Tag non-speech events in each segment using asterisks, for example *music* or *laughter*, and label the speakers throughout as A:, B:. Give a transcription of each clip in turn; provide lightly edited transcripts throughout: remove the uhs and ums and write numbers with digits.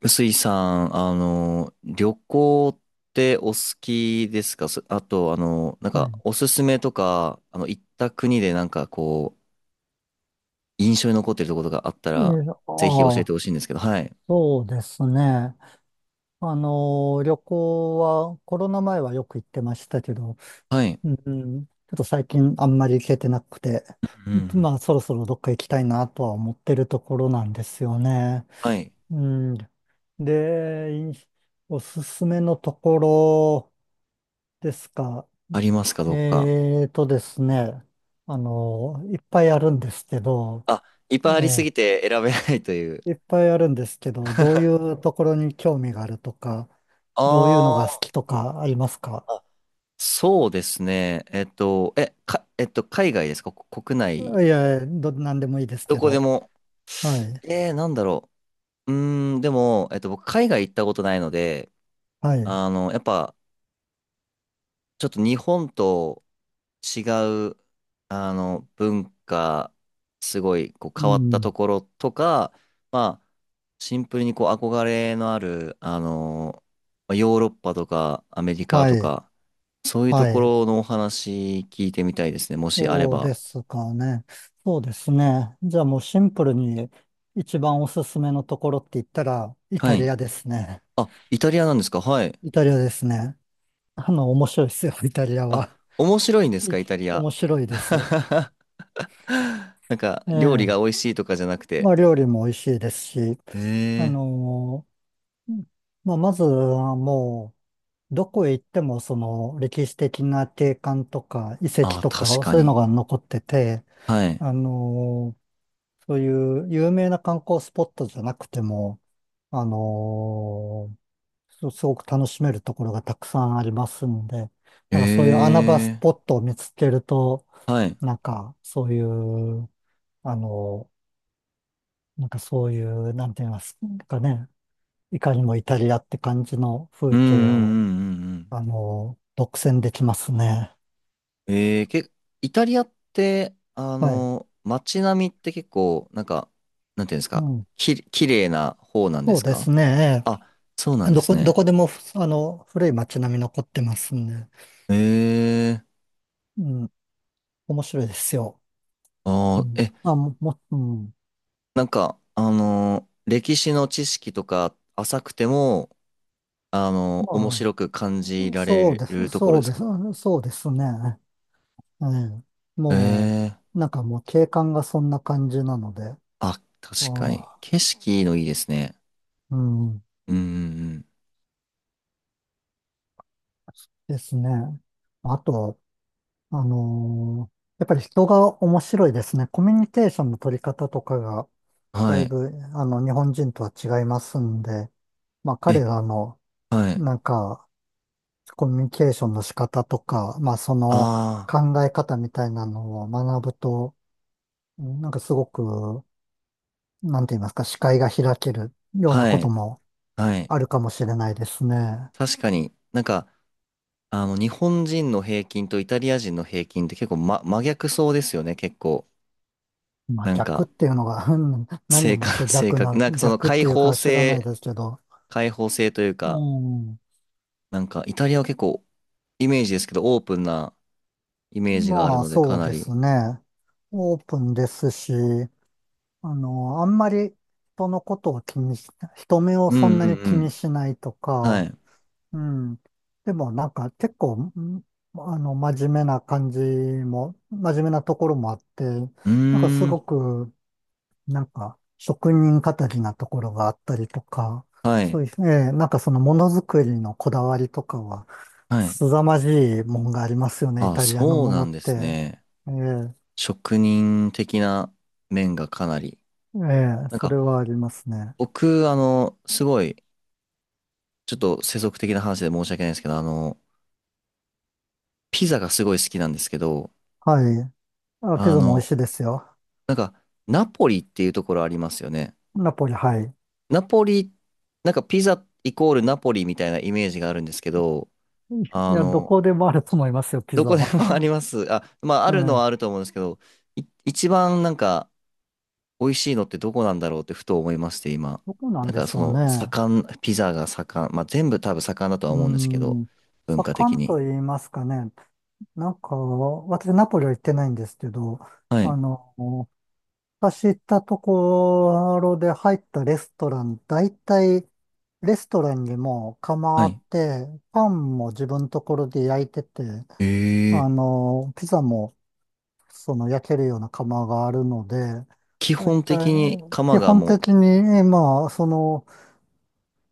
A: 臼井さん、旅行ってお好きですか？あと、
B: はい。
A: おすすめとか、行った国で印象に残ってるところがあった
B: いえ、
A: ら、
B: あ
A: ぜひ教え
B: あ、
A: てほしいんですけど。はい。
B: そうですね。旅行は、コロナ前はよく行ってましたけど、
A: はい。
B: うん、ちょっと最近あんまり行けてなくて、
A: うんうん。
B: まあ、そろそろどっか行きたいなとは思ってるところなんですよね。
A: はい。
B: うん、で、おすすめのところですか？
A: ありますか、どこか。
B: えーとですね、いっぱいあるんですけど、
A: あ、いっぱいありす
B: ええ、
A: ぎて選べないという。
B: いっぱいあるんですけど、どういうところに興味があるとか、
A: *laughs*
B: どういうのが好
A: あー、
B: きとかありますか？
A: あ、そうですね。えっと、海外ですか、こ国内？
B: いや、何でもいいです
A: ど
B: け
A: こで
B: ど。
A: も？
B: はい。
A: なんだろう。うーん、でも、えっと、僕、海外行ったことないので、
B: はい。
A: あの、やっぱ、ちょっと日本と違う、あの、文化、すごい、こう、
B: う
A: 変わった
B: ん。
A: ところとか、まあ、シンプルに、こう、憧れのある、あの、まあヨーロッパとか、アメリカ
B: は
A: と
B: い。
A: か、そういうと
B: は
A: こ
B: い。
A: ろのお話聞いてみたいですね、もしあれ
B: そう
A: ば。
B: ですかね。そうですね。じゃあもうシンプルに一番おすすめのところって言ったら、イ
A: は
B: タリ
A: い。
B: アですね。
A: あ、イタリアなんですか。はい。
B: イタリアですね。面白いですよ、*laughs* イタリア
A: あ、
B: は。
A: 面白いんです
B: い
A: か、イタリア？
B: 面白いです。
A: *laughs* *laughs* なんか、
B: え
A: 料理
B: え。
A: が美味しいとかじゃなくて？
B: まあ、料理も美味しいですし、
A: ええ
B: あ
A: ー。
B: のーうん、まあ、まずはもう、どこへ行ってもその歴史的な景観とか遺跡
A: ああ、
B: と
A: 確
B: か
A: か
B: そういうの
A: に。
B: が残ってて、
A: はい。
B: あのーそういう有名な観光スポットじゃなくても、あのすごく楽しめるところがたくさんありますんで、なんかそういう穴場ス
A: え
B: ポ
A: え
B: ットを見つけると、
A: ー。はい。
B: なんかそういう、あのなんて言いますかね、いかにもイタリアって感じの
A: う
B: 風
A: んう
B: 景
A: ん
B: を
A: うんうんうん。
B: 独占できますね。
A: ええー、イタリアって、あ
B: はい。
A: の、街並みって結構、なんか、なんていうんです
B: う
A: か、
B: ん。
A: き、綺麗な方なんで
B: そう
A: す
B: で
A: か？
B: すね。
A: あ、そうなんです
B: ど
A: ね。
B: こでも、古い街並み残ってますんで。
A: ええー。
B: うん。面白いですよ。
A: あ
B: う
A: あ、
B: ん。
A: え、
B: あ、うん。
A: なんか、あの、歴史の知識とか浅くても、あの、面
B: ま
A: 白く感じ
B: あ、
A: ら
B: そう
A: れ
B: です、
A: るところ
B: そう
A: です
B: です、
A: か？
B: そうですね。ええ。
A: え
B: も
A: え、
B: う、なんかもう景観がそんな感じなので。あ
A: あ、確かに。
B: あ、
A: 景色のいいですね。
B: うん。
A: うんうん
B: ですね。あと、やっぱり人が面白いですね。コミュニケーションの取り方とかが、
A: うん。
B: だ
A: は
B: い
A: い。
B: ぶ、日本人とは違いますんで、まあ、彼
A: え、
B: らの、
A: はい。
B: なんか、コミュニケーションの仕方とか、まあ、その
A: あ
B: 考え方みたいなのを学ぶと、なんかすごく、なんて言いますか、視界が開けるよう
A: あ、
B: な
A: は
B: こと
A: い。
B: も
A: はい。
B: あるかもしれないですね。
A: 確かになんか、あの、日本人の平均とイタリア人の平均って結構、ま、真逆そうですよね、結構。
B: まあ、
A: なん
B: 逆っ
A: か、
B: ていうのが、うん、何
A: 性
B: をも
A: 格、
B: って
A: *laughs*
B: 逆っていうか知らないですけど、
A: 開放性という
B: う
A: か、
B: ん、
A: なんかイタリアは結構イメージですけど、オープンなイメージがある
B: まあ、
A: ので、
B: そ
A: か
B: う
A: な
B: で
A: り。
B: すね。オープンですし、あんまり人のことを気にし、人目を
A: う
B: そん
A: んう
B: な
A: ん
B: に
A: う
B: 気に
A: ん。
B: しないと
A: はい。
B: か、
A: う
B: うん。でもなんか結構、真面目な感じも、真面目なところもあって、
A: ー
B: なんかす
A: ん。
B: ごく、なんか職人語りなところがあったりとか、
A: は
B: そ
A: い。
B: ういう、ええ、なんかそのものづくりのこだわりとかは、
A: はい。
B: 凄まじいもんがありますよね、イ
A: あ、
B: タリアの
A: そう
B: もの
A: な
B: っ
A: んです
B: て。
A: ね。
B: ええ、
A: 職人的な面がかなり。
B: ええ、
A: なん
B: それ
A: か、
B: はありますね。
A: 僕、あの、すごい、ちょっと世俗的な話で申し訳ないんですけど、あの、ピザがすごい好きなんですけど、
B: はい。あ、ピ
A: あ
B: ザも美味
A: の、
B: しいですよ。
A: なんか、ナポリっていうところありますよね。
B: ナポリ、はい。
A: ナポリ、なんかピザイコールナポリみたいなイメージがあるんですけど、
B: い
A: あ
B: や、ど
A: の、
B: こでもあると思いますよ、ピ
A: ど
B: ザ
A: こでも *laughs* あり
B: は。
A: ます。あ、まあ、
B: *laughs*
A: あ
B: え
A: るのはあ
B: え、
A: ると思うんですけど、一番なんか、美味しいのってどこなんだろうってふと思いまして、今。
B: どこなん
A: なん
B: で
A: か
B: し
A: そ
B: ょう
A: の、
B: ね。
A: 盛ん、ピザが盛ん、まあ全部多分盛んだとは
B: うー
A: 思うんですけど、
B: ん、
A: 文化
B: 盛
A: 的
B: んと
A: に。
B: 言いますかね。なんか、私、ナポリは行ってないんですけど、
A: はい。
B: あの、私行ったところで入ったレストラン、大体、レストランにも構
A: は
B: っ
A: い。
B: て、パンも自分のところで焼いてて、
A: ええ。
B: ピザもその焼けるような窯があるので、
A: 基
B: だい
A: 本
B: たい
A: 的に
B: 基
A: 釜が
B: 本
A: も
B: 的に、まあ、その、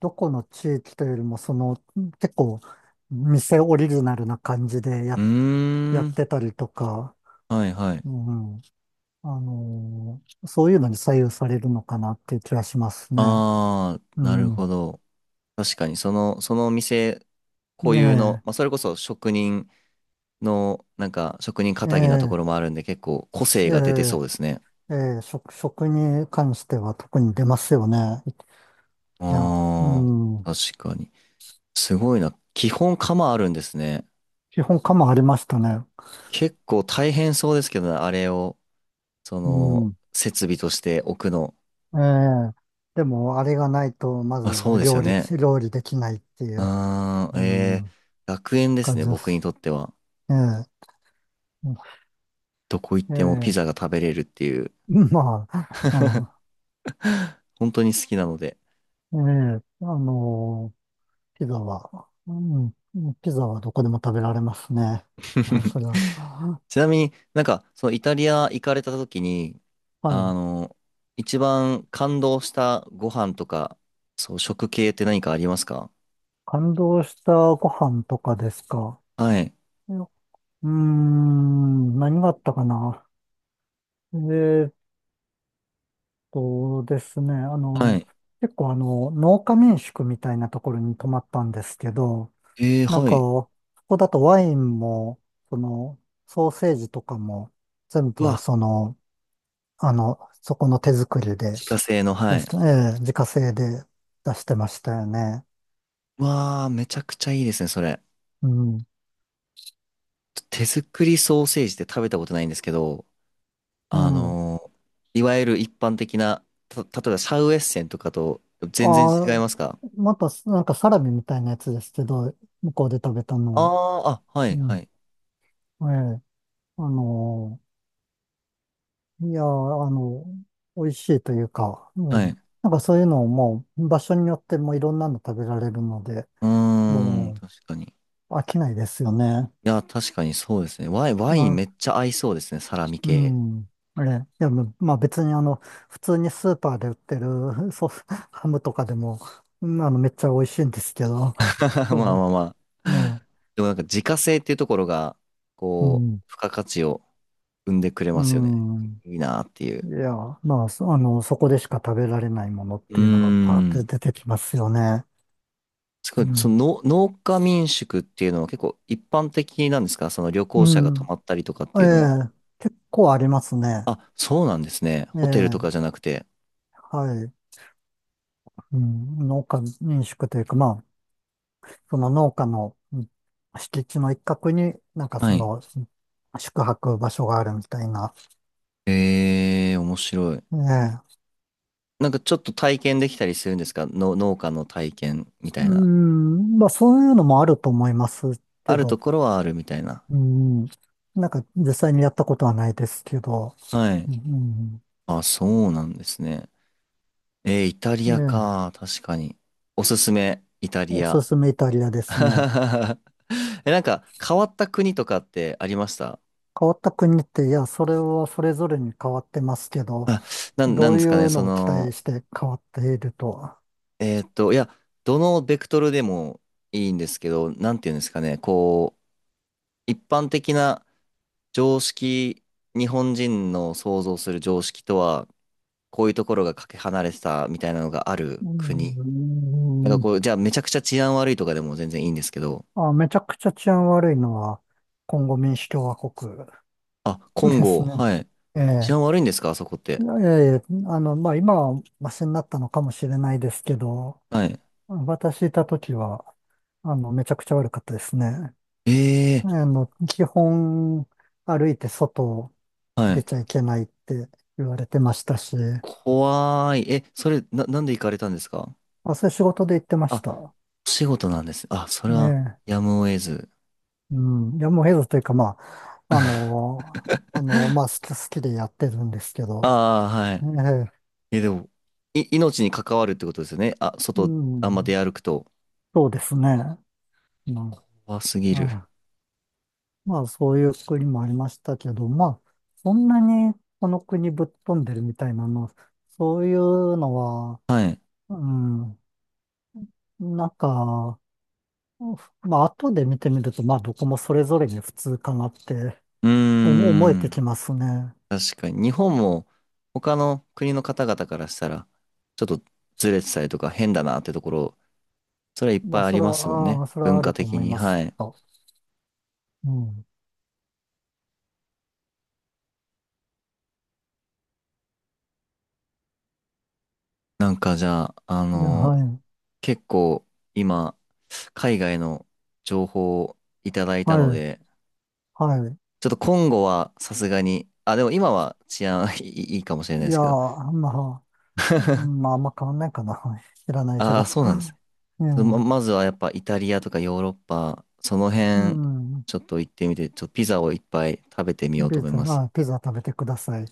B: どこの地域というよりも、その、結構、店オリジナルな感じで
A: う、う
B: や
A: ー
B: っ
A: ん。
B: てたりとか、
A: はいはい。
B: うん、そういうのに左右されるのかなっていう気がしますね。
A: あー、
B: う
A: なるほ
B: ん。
A: ど。確かに、そのお店固有の、
B: ね
A: まあそれこそ職人の、なんか職人気
B: え、え
A: 質なとこ
B: え、
A: ろもあるんで、結構個性
B: え
A: が出てそうですね。
B: え、ええ、食に関しては特に出ますよね。いや、う
A: あ
B: ん、
A: ー、確かに。すごいな。基本釜あるんですね。
B: 基本かもありましたね。
A: 結構大変そうですけどね、あれを、そ
B: う
A: の、
B: ん。
A: 設備として置くの。
B: ええ、でも、あれがないと、ま
A: あ、そう
B: ず
A: ですよね。
B: 料理できないっていう、
A: あー、
B: う
A: えー、
B: ん、
A: 楽園です
B: 感
A: ね、
B: じで
A: 僕に
B: す。
A: とっては。
B: ええ、
A: どこ行っ
B: え
A: てもピ
B: え、
A: ザが食べれるっていう、
B: まあ、
A: 本当に好きなので。
B: うん、ええ、ピザは、うん、ピザはどこでも食べられますね。まあ、それは。
A: *laughs* ちなみになんか、そのイタリア行かれた時に、
B: は
A: あ
B: い。
A: の、一番感動したご飯とか、そう、食系って何かありますか？
B: 感動したご飯とかですか？
A: はい。
B: うーん、何があったかな。えそうですね。
A: はい。
B: 結構農家民宿みたいなところに泊まったんですけど、
A: えー、
B: なん
A: は
B: か、
A: い。
B: ここだとワインも、その、ソーセージとかも、全
A: う
B: 部、
A: わ、
B: その、そこの手作りで、
A: 自家製の、は
B: 出し
A: い。
B: て、ええ、自家製で出してましたよね。
A: わあ、めちゃくちゃいいですね、それ。
B: うん。
A: 手作りソーセージって食べたことないんですけど、
B: う
A: あ
B: ん。
A: のー、いわゆる一般的な、例えばシャウエッセンとかと全然
B: あ
A: 違い
B: あ、
A: ますか？
B: また、なんかサラミみたいなやつですけど、向こうで食べたのは。
A: ああー、あ、は
B: う
A: い、
B: ん。
A: はい、
B: ええ、あのーいやー、美味しいというか、う
A: は
B: ん。
A: い。
B: なんかそういうのをもう場所によってもいろんなの食べられるので、
A: うーん、
B: も
A: 確かに。い
B: う飽きないですよね。
A: や、確かにそうですね。ワイン、ワイン
B: あ、
A: めっちゃ合いそうですね、サラミ
B: う
A: 系。
B: ん。あれ、いや、まあ別に普通にスーパーで売ってるソフハムとかでも、うん、めっちゃ美味しいんですけど、
A: *laughs* まあま
B: そ
A: あま
B: う
A: あ。
B: ね、
A: でもなんか自家製っていうところが、
B: う
A: こ
B: ん、
A: う、付加価値を生んでくれ
B: う
A: ますよね。
B: ん。
A: いいなっていう。
B: いや、まあ、そあの、そこでしか食べられないものっ
A: うー
B: ていうのがパーって
A: ん。
B: 出てきますよね。
A: すご
B: う
A: い、そ
B: ん。
A: の農家民宿っていうのは結構一般的なんですか？その旅
B: う
A: 行者が泊
B: ん。
A: まったりとかっ
B: え
A: ていうのは。
B: え、結構ありますね。
A: あ、そうなんですね。
B: え
A: ホテルとか
B: え、
A: じゃなくて。
B: はい。うん、農家民宿というか、まあ、その農家の敷地の一角に、なんか
A: は
B: そ
A: い。
B: の、宿泊場所があるみたいな。
A: えー、面白い。
B: ええ、
A: なんかちょっと体験できたりするんですか、の農家の体験みた
B: う
A: いな。
B: ん、まあそういうのもあると思います
A: あ
B: け
A: ると
B: ど、
A: ころはあるみたいな。
B: うん、なんか実際にやったことはないですけど、
A: はい。
B: うん、
A: あ、そうなんですね。えー、イタリ
B: え
A: ア
B: え、
A: か。確かに。おすすめ、イタ
B: お
A: リ
B: す
A: ア。
B: すめイタリアですね。
A: *laughs* え、なんか変わった国とかってありました？
B: 変わった国って、いや、それはそれぞれに変わってますけど、
A: あ、な
B: ど
A: ん
B: う
A: で
B: い
A: すかね、
B: う
A: そ
B: のを期待
A: の、
B: して変わっているとは。
A: えーっと、いや、どのベクトルでもいいんですけど、なんていうんですかね、こう、一般的な常識、日本人の想像する常識とは、こういうところがかけ離れてたみたいなのがあ
B: う
A: る
B: ー
A: 国。なんか
B: ん。
A: こう、じゃあめちゃくちゃ治安悪いとかでも全然いいんですけど、
B: あ、めちゃくちゃ治安悪いのは、コンゴ民主共和国
A: あ、コン
B: です
A: ゴ、
B: ね。
A: はい。
B: え
A: 治
B: え。
A: 安悪いんですか、あそこっ
B: い
A: て。
B: や、いや、いや、まあ、今はマシになったのかもしれないですけど、
A: はい。
B: 私いた時は、めちゃくちゃ悪かったですね。
A: ええ
B: 基本、歩いて外
A: ー、は
B: 出
A: い。
B: ちゃいけないって言われてましたし、ま
A: 怖い。え、それ、なんで行かれたんですか？
B: あ、そういう仕事で行ってまし
A: あ、
B: た。
A: お仕事なんです。あ、そ
B: え
A: れは、
B: え。
A: やむを得ず。
B: うん、いや、もうヘルスというか、まあ、好きでやってるんですけど、
A: ああ、は
B: え
A: い。
B: え、
A: え、でも、命に関わるってことですよね。あ、
B: う
A: 外、あんま出
B: ん、
A: 歩くと。
B: そうですね。うん、
A: 怖すぎる。
B: はい、まあ、そういう国もありましたけど、まあ、そんなにこの国ぶっ飛んでるみたいなの、そういうのは、
A: はい。
B: うん、なんか、まあ、後で見てみると、まあ、どこもそれぞれに普通かなって
A: うー
B: 思えてき
A: ん。
B: ますね。
A: 確かに。日本も、他の国の方々からしたら、ちょっとずれてたりとか変だなってところ、それはいっ
B: ま
A: ぱい
B: あ、
A: あ
B: そ
A: り
B: れ
A: ま
B: は、
A: すもん
B: あ
A: ね。
B: あ、それは
A: 文
B: あ
A: 化
B: ると
A: 的
B: 思い
A: に。
B: ます
A: は
B: け
A: い。
B: ど。うん、
A: なんかじゃあ、あ
B: で、
A: の
B: は
A: ー、
B: い、
A: 結構、今、海外の情報をいただいた
B: は
A: の
B: い、
A: で、
B: はい。
A: ちょっと今後はさすがに、あ、でも今は治安 *laughs* いいかもしれな
B: い
A: いで
B: や
A: す
B: ー、
A: けど。
B: まあ、うん、
A: *laughs*
B: まあ、あんま変わんないかな。*laughs* 知らないけ
A: あ
B: ど。
A: あ、そうなんです。ち
B: *laughs* う
A: ょっとまずはやっぱイタリアとかヨーロッパ、その
B: う
A: 辺、
B: ん。
A: ちょっと行ってみて、ちょっとピザをいっぱい食べてみようと思います。
B: まあ、ピザ食べてください。